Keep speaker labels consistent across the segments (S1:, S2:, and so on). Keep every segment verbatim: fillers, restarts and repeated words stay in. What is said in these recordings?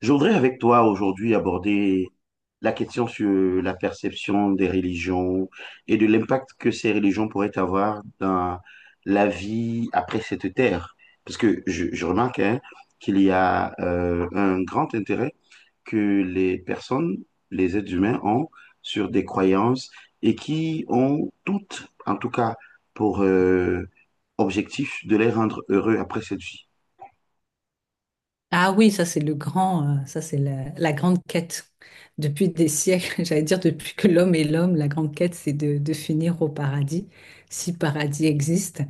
S1: Je voudrais avec toi aujourd'hui aborder la question sur la perception des religions et de l'impact que ces religions pourraient avoir dans la vie après cette terre. Parce que je, je remarque hein, qu'il y a euh, un grand intérêt que les personnes, les êtres humains ont sur des croyances et qui ont toutes, en tout cas pour euh, objectif, de les rendre heureux après cette vie.
S2: Ah oui, ça c'est le grand, euh, ça c'est la, la grande quête. Depuis des siècles, j'allais dire depuis que l'homme est l'homme, la grande quête c'est de, de finir au paradis, si paradis existe.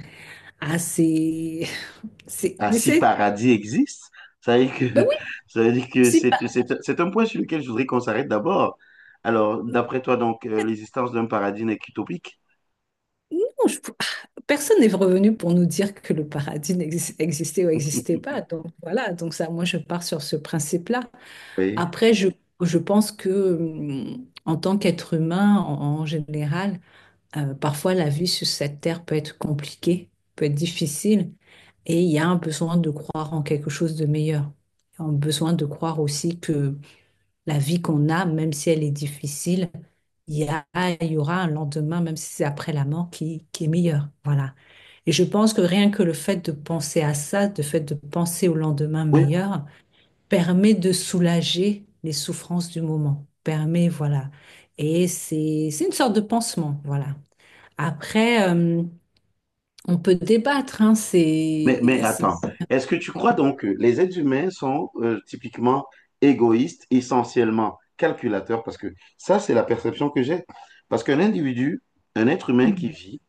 S2: Ah c'est, c'est,
S1: Ah, si
S2: c'est-
S1: paradis existe, ça veut dire que,
S2: ben oui,
S1: ça veut dire que
S2: si
S1: c'est,
S2: pa-
S1: c'est, c'est un point sur lequel je voudrais qu'on s'arrête d'abord. Alors, d'après toi, donc, euh, l'existence d'un paradis n'est qu'utopique?
S2: non, je- personne n'est revenu pour nous dire que le paradis n'exis- existait ou n'existait pas. Donc voilà, donc ça, moi je pars sur ce principe-là.
S1: Oui.
S2: Après, je, je pense que hum, en tant qu'être humain en en général. Euh, parfois, la vie sur cette terre peut être compliquée, peut être difficile, et il y a un besoin de croire en quelque chose de meilleur. Un besoin de croire aussi que la vie qu'on a, même si elle est difficile, il y a, il y aura un lendemain, même si c'est après la mort, qui, qui est meilleur. Voilà. Et je pense que rien que le fait de penser à ça, le fait de penser au lendemain
S1: Oui.
S2: meilleur, permet de soulager les souffrances du moment. Permet, voilà. Et c'est, c'est une sorte de pansement, voilà. Après, euh, on peut débattre, hein,
S1: Mais, mais
S2: c'est... c'est-
S1: attends, est-ce que tu crois donc que les êtres humains sont euh, typiquement égoïstes, essentiellement calculateurs? Parce que ça, c'est la perception que j'ai. Parce qu'un individu, un être humain qui vit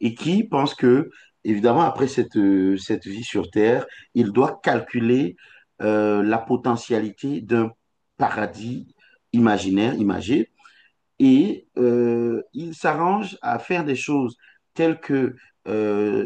S1: et qui pense que, évidemment, après cette, euh, cette vie sur Terre, il doit calculer euh, la potentialité d'un paradis imaginaire, imagé, et euh, il s'arrange à faire des choses telles que euh,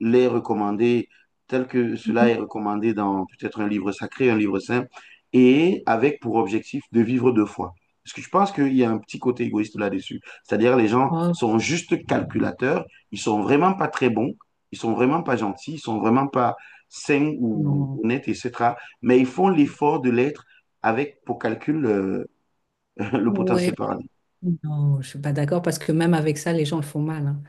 S1: les recommander, telles que cela est recommandé dans peut-être un livre sacré, un livre saint, et avec pour objectif de vivre de foi. Parce que je pense qu'il y a un petit côté égoïste là-dessus. C'est-à-dire les gens
S2: Oh,
S1: sont juste calculateurs, ils sont vraiment pas très bons, ils sont vraiment pas gentils, ils sont vraiment pas sains ou
S2: non.
S1: honnêtes, et cetera. Mais ils font l'effort de l'être avec pour calcul euh, le
S2: Ouais,
S1: potentiel paradis.
S2: non, je suis pas d'accord parce que même avec ça, les gens le font mal, hein.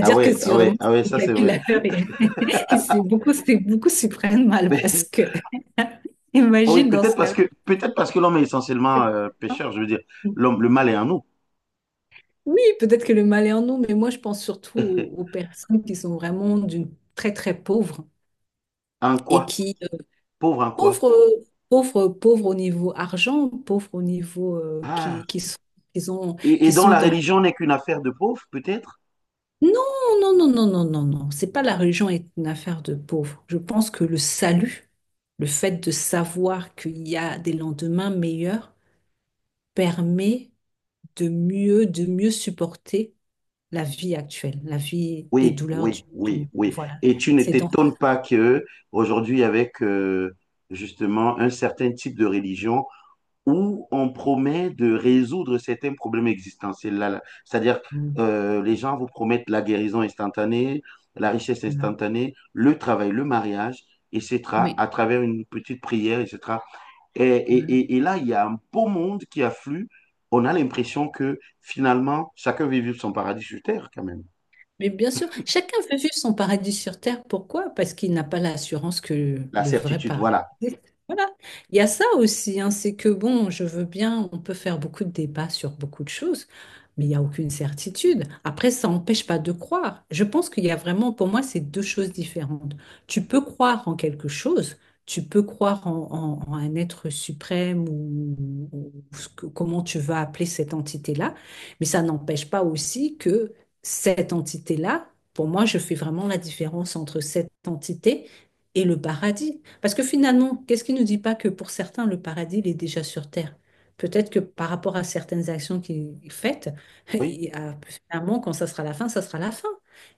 S1: Ah ouais,
S2: que c'est
S1: ah
S2: vraiment
S1: ouais, ah ouais,
S2: c'est
S1: ça c'est vrai.
S2: calculateur et, et c'est beaucoup, c'est beaucoup s'y prennent mal
S1: Mais,
S2: parce que
S1: oh oui,
S2: imagine dans
S1: peut-être
S2: ce
S1: parce
S2: cas-là.
S1: que peut-être parce que l'homme est essentiellement euh, pécheur, je veux dire. L'homme, le mal est en nous.
S2: Oui, peut-être que le mal est en nous, mais moi je pense surtout aux, aux personnes qui sont vraiment d'une très très pauvre
S1: En
S2: et
S1: quoi?
S2: qui
S1: Pauvre en quoi?
S2: Pauvres, pauvres, pauvres au niveau argent, pauvres au niveau euh,
S1: Ah.
S2: qui, qui sont, qui ont-
S1: Et, et
S2: qui
S1: dont
S2: sont
S1: la
S2: dans...
S1: religion n'est qu'une affaire de pauvres, peut-être?
S2: Non, non, non, non, non, non, non. C'est pas la religion est une affaire de pauvres. Je pense que le salut, le fait de savoir qu'il y a des lendemains meilleurs, permet de mieux, de mieux supporter la vie actuelle, la vie, les
S1: Oui,
S2: douleurs du,
S1: oui,
S2: du
S1: oui,
S2: monde.
S1: oui.
S2: Voilà.
S1: Et tu ne
S2: C'est dans...
S1: t'étonnes pas que aujourd'hui, avec euh, justement un certain type de religion, où on promet de résoudre certains problèmes existentiels. Là, là. C'est-à-dire, euh, les gens vous promettent la guérison instantanée, la richesse
S2: Voilà.
S1: instantanée, le travail, le mariage, et cetera,
S2: Oui.
S1: à travers une petite prière, et cetera. Et, et, et- et là, il y a un beau monde qui afflue. On a l'impression que finalement, chacun veut vivre son paradis sur terre quand même.
S2: Mais bien sûr, chacun veut vivre son paradis sur Terre. Pourquoi? Parce qu'il n'a pas l'assurance que
S1: La
S2: le vrai
S1: certitude,
S2: paradis
S1: voilà.
S2: existe. Voilà. Il y a ça aussi, hein, c'est que bon, je veux bien, on peut faire beaucoup de débats sur beaucoup de choses, mais il n'y a aucune certitude. Après, ça n'empêche pas de croire. Je pense qu'il y a vraiment, pour moi, c'est deux choses différentes. Tu peux croire en quelque chose, tu peux croire en, en- en un être suprême ou, ou ce que- comment tu vas appeler cette entité-là, mais ça n'empêche pas aussi que cette entité-là, pour moi, je fais vraiment la différence entre cette entité et le paradis. Parce que finalement, qu'est-ce qui ne nous dit pas que pour certains, le paradis, il est déjà sur Terre? Peut-être que par rapport à certaines actions qu'il fait,
S1: Oui,
S2: il- euh, finalement, quand ça sera la fin, ça sera la fin.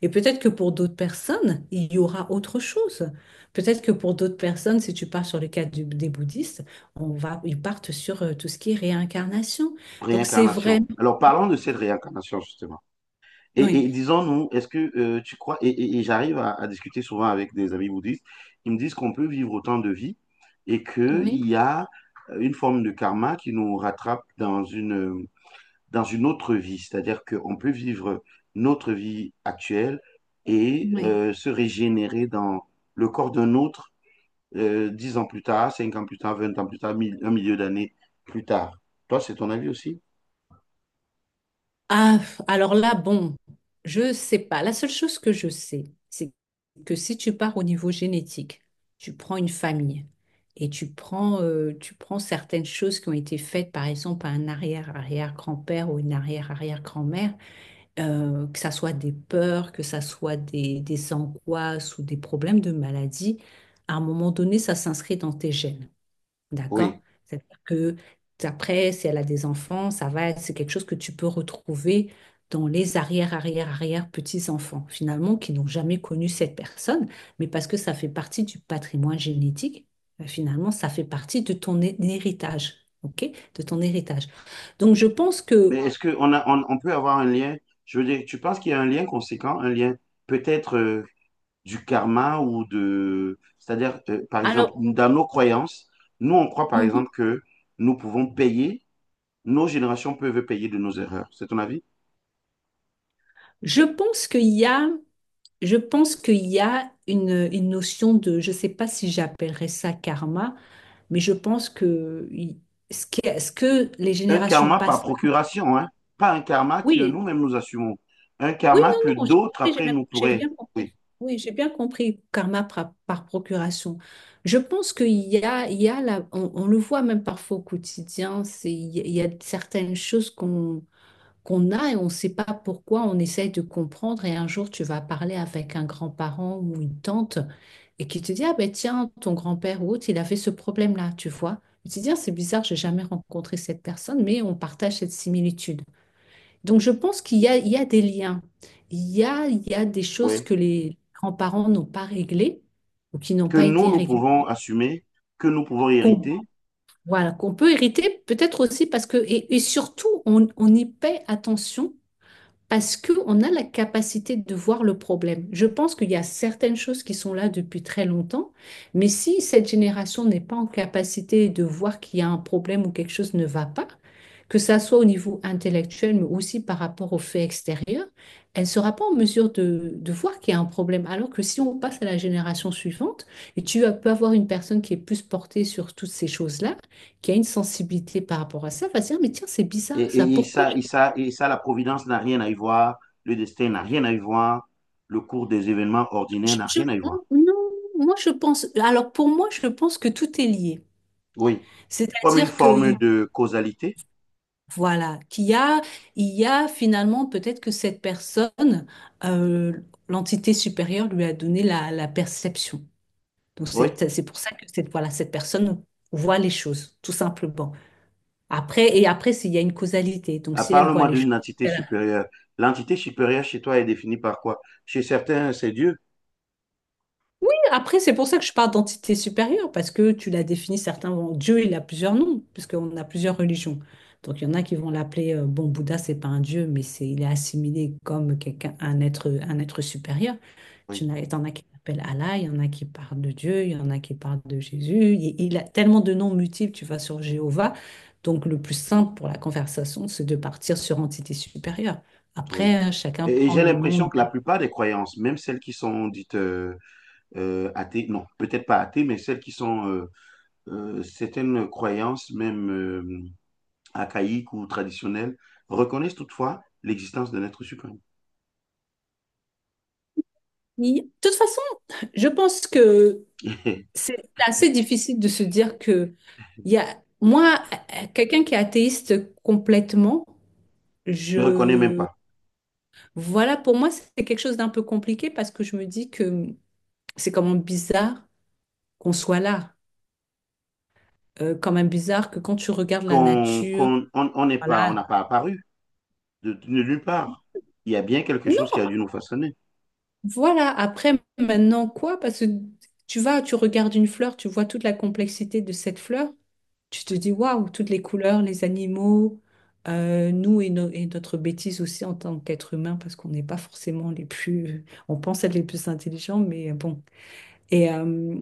S2: Et peut-être que pour d'autres personnes, il y aura autre chose. Peut-être que pour d'autres personnes, si tu pars sur le cas du- des bouddhistes, on va, ils partent sur euh, tout ce qui est réincarnation. Donc c'est vrai.
S1: réincarnation. Alors parlons de cette réincarnation, justement. Et,
S2: Oui,
S1: et disons-nous, est-ce que euh, tu crois, et, et- et j'arrive à, à discuter souvent avec des amis bouddhistes, ils me disent qu'on peut vivre autant de vies et qu'il
S2: oui,
S1: y a une forme de karma qui nous rattrape dans une, dans une autre vie. C'est-à-dire qu'on peut vivre notre vie actuelle et
S2: oui.
S1: euh, se régénérer dans le corps d'un autre euh, dix ans plus tard, cinq ans plus tard, vingt ans plus tard, mille- un milieu d'années plus tard. Toi, c'est ton avis aussi?
S2: Ah, alors là, bon, je sais pas. La seule chose que je sais, c'est que si tu pars au niveau génétique, tu prends une famille et tu prends, euh, tu prends certaines choses qui ont été faites, par exemple, par un arrière-arrière-grand-père ou une arrière-arrière-grand-mère, euh, que ça soit des peurs, que ça soit des, des angoisses ou des problèmes de maladie, à un moment donné, ça s'inscrit dans tes gènes. D'accord?
S1: Oui.
S2: C'est-à-dire que après, si elle a des enfants, ça va, c'est quelque chose que tu peux retrouver dans les arrière, arrière, arrière petits-enfants, finalement, qui n'ont jamais connu cette personne, mais parce que ça fait partie du patrimoine génétique, euh, finalement, ça fait partie de ton hé- héritage, ok? De ton héritage. Donc, je pense
S1: Mais
S2: que,
S1: est-ce qu'on a, on, on peut avoir un lien? Je veux dire, tu penses qu'il y a un lien conséquent, un lien peut-être euh, du karma ou de... C'est-à-dire, euh, par exemple,
S2: alors,
S1: dans nos croyances, nous, on croit, par
S2: mhm.
S1: exemple, que nous pouvons payer, nos générations peuvent payer de nos erreurs. C'est ton avis?
S2: je pense qu'il y a Je pense qu'il y a une, une notion de, je ne sais pas si j'appellerais ça karma, mais je pense que il- ce que, ce que les
S1: Un
S2: générations
S1: karma par
S2: passent.
S1: procuration, hein, pas un karma que
S2: Oui,
S1: nous-mêmes nous assumons, un
S2: oui,
S1: karma que
S2: non, non, j'ai
S1: d'autres
S2: compris, j'ai
S1: après
S2: bien,
S1: nous
S2: j'ai
S1: pourraient,
S2: bien compris.
S1: oui,
S2: Oui, j'ai bien compris karma par, par procuration. Je pense qu'il y a, il y a la- on, on le voit même parfois au quotidien, c'est, il y a il y a certaines choses qu'on qu'on a et on ne sait pas pourquoi, on essaye de comprendre et un jour tu vas parler avec un grand-parent ou une tante. Et qui te dit, ah ben tiens, ton grand-père ou autre, il avait ce problème-là, tu vois. Et tu te dis, ah, c'est bizarre, j'ai jamais rencontré cette personne, mais on partage cette similitude. Donc je pense qu'il y a, il y a des liens, il y a, il y a des choses
S1: oui,
S2: que les grands-parents n'ont pas réglées ou qui n'ont
S1: que
S2: pas
S1: nous,
S2: été
S1: nous
S2: réglées,
S1: pouvons assumer, que nous pouvons
S2: qu'on
S1: hériter,
S2: voilà, qu'on peut hériter, peut-être aussi parce que, et, et surtout, on, on y paie attention parce qu'on a la capacité de voir le problème. Je pense qu'il y a certaines choses qui sont là depuis très longtemps, mais si cette génération n'est pas en capacité de voir qu'il y a un problème ou quelque chose ne va pas, que ça soit au niveau intellectuel, mais aussi par rapport aux faits extérieurs, elle ne sera pas en mesure de, de voir qu'il y a un problème. Alors que si on passe à la génération suivante, et tu as- peux avoir une personne qui est plus portée sur toutes ces choses-là, qui a une sensibilité par rapport à ça, va se dire, mais tiens, c'est
S1: et,
S2: bizarre ça,
S1: et, et
S2: pourquoi
S1: ça, et, ça, et ça, la providence n'a rien à y voir, le destin n'a rien à y voir, le cours des événements ordinaires
S2: Je-
S1: n'a
S2: je-
S1: rien à y voir.
S2: non, moi je pense. Alors pour moi, je pense que tout est lié.
S1: Oui, comme une
S2: C'est-à-dire que
S1: forme
S2: il-
S1: de causalité,
S2: voilà, qu'il y a, il y a finalement peut-être que cette personne, euh, l'entité supérieure lui a donné la, la perception. Donc
S1: oui.
S2: c'est c'est pour ça que cette voilà cette personne voit les choses tout simplement. Après et après s'il y a une causalité. Donc
S1: À
S2: si elle voit
S1: parle-moi
S2: les choses.
S1: d'une entité supérieure. L'entité supérieure chez toi est définie par quoi? Chez certains, c'est Dieu.
S2: Après, c'est pour ça que je parle d'entité supérieure, parce que tu l'as défini, certains vont... Dieu, il a plusieurs noms, puisqu'on a plusieurs religions. Donc, il y en a qui vont l'appeler, euh, bon, Bouddha, c'est pas un dieu, mais c'est, il est assimilé comme quelqu'un, un être, un être supérieur. Tu
S1: Oui,
S2: en as t'en as qui l'appellent Allah, il y en a qui parlent de Dieu, il y en a qui parlent de Jésus. Il, il a tellement de noms multiples, tu vas sur Jéhovah. Donc, le plus simple pour la conversation, c'est de partir sur entité supérieure.
S1: oui.
S2: Après, euh, chacun
S1: Et, et
S2: prend
S1: j'ai
S2: le nom
S1: l'impression
S2: de...
S1: que la plupart des croyances, même celles qui sont dites euh, euh, athées, non, peut-être pas athées, mais celles qui sont euh, euh, certaines croyances, même euh, archaïques ou traditionnelles, reconnaissent toutefois l'existence d'un être suprême.
S2: De toute façon, je pense que c'est assez difficile de se dire que il y a moi euh, quelqu'un qui est athéiste complètement
S1: Ne reconnaît même
S2: je
S1: pas.
S2: voilà pour moi c'est quelque chose d'un peu compliqué parce que je me dis que c'est quand même bizarre qu'on soit là. Euh, quand même bizarre que quand tu regardes la
S1: Qu'on,
S2: nature
S1: qu'on, on on n'est pas, on
S2: voilà
S1: n'a pas apparu de, de nulle part. Il y a bien quelque chose qui
S2: non
S1: a dû nous façonner.
S2: voilà après maintenant quoi parce que tu vas tu regardes une fleur tu vois toute la complexité de cette fleur. Tu te dis, waouh, toutes les couleurs, les animaux, euh, nous et, no- et notre bêtise aussi en tant qu'être humain, parce qu'on n'est pas forcément les plus, on pense être les plus intelligents, mais bon. Et, euh,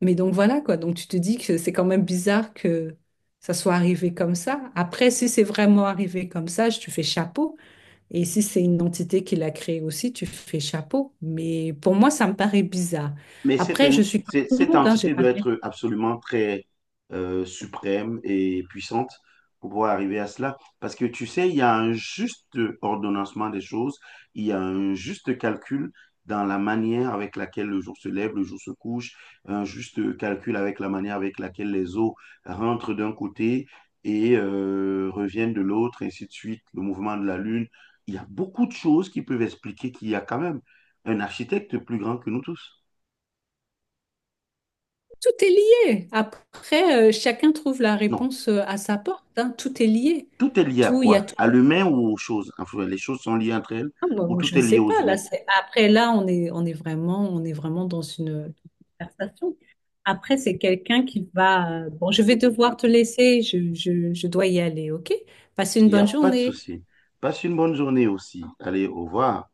S2: mais donc voilà, quoi. Donc tu te dis que c'est quand même bizarre que ça soit arrivé comme ça. Après, si c'est vraiment arrivé comme ça, je- tu fais chapeau. Et si c'est une entité qui l'a créé aussi, tu fais chapeau. Mais pour moi, ça me paraît bizarre.
S1: Mais cette,
S2: Après,
S1: en-
S2: je suis comme
S1: cette-
S2: tout le
S1: cette
S2: monde, hein, j'ai
S1: entité
S2: pas
S1: doit
S2: de
S1: être absolument très euh, suprême et puissante pour pouvoir arriver à cela. Parce que tu sais, il y a un juste ordonnancement des choses, il y a un juste calcul dans la manière avec laquelle le jour se lève, le jour se couche, un juste calcul avec la manière avec laquelle les eaux rentrent d'un côté et euh, reviennent de l'autre, ainsi de suite, le mouvement de la Lune. Il y a beaucoup de choses qui peuvent expliquer qu'il y a quand même un architecte plus grand que nous tous.
S2: Tout est lié. Après, euh, chacun trouve la
S1: Non,
S2: réponse euh, à sa porte, hein. Tout est lié.
S1: tout est lié à
S2: Tout, il y a
S1: quoi?
S2: tout.
S1: À l'humain ou aux choses? Enfin, les choses sont liées entre elles
S2: Ah, moi,
S1: ou
S2: moi, je
S1: tout
S2: ne
S1: est
S2: sais
S1: lié aux
S2: pas. Là,
S1: humains.
S2: c'est- Après, là, on est, on est vraiment, on est vraiment dans une conversation. Après, c'est quelqu'un qui va. euh, Bon, je vais devoir te laisser. Je, je, je dois y aller, OK? Passez une
S1: Il n'y a
S2: bonne
S1: pas de
S2: journée.
S1: souci. Passe une bonne journée aussi. Allez, au revoir.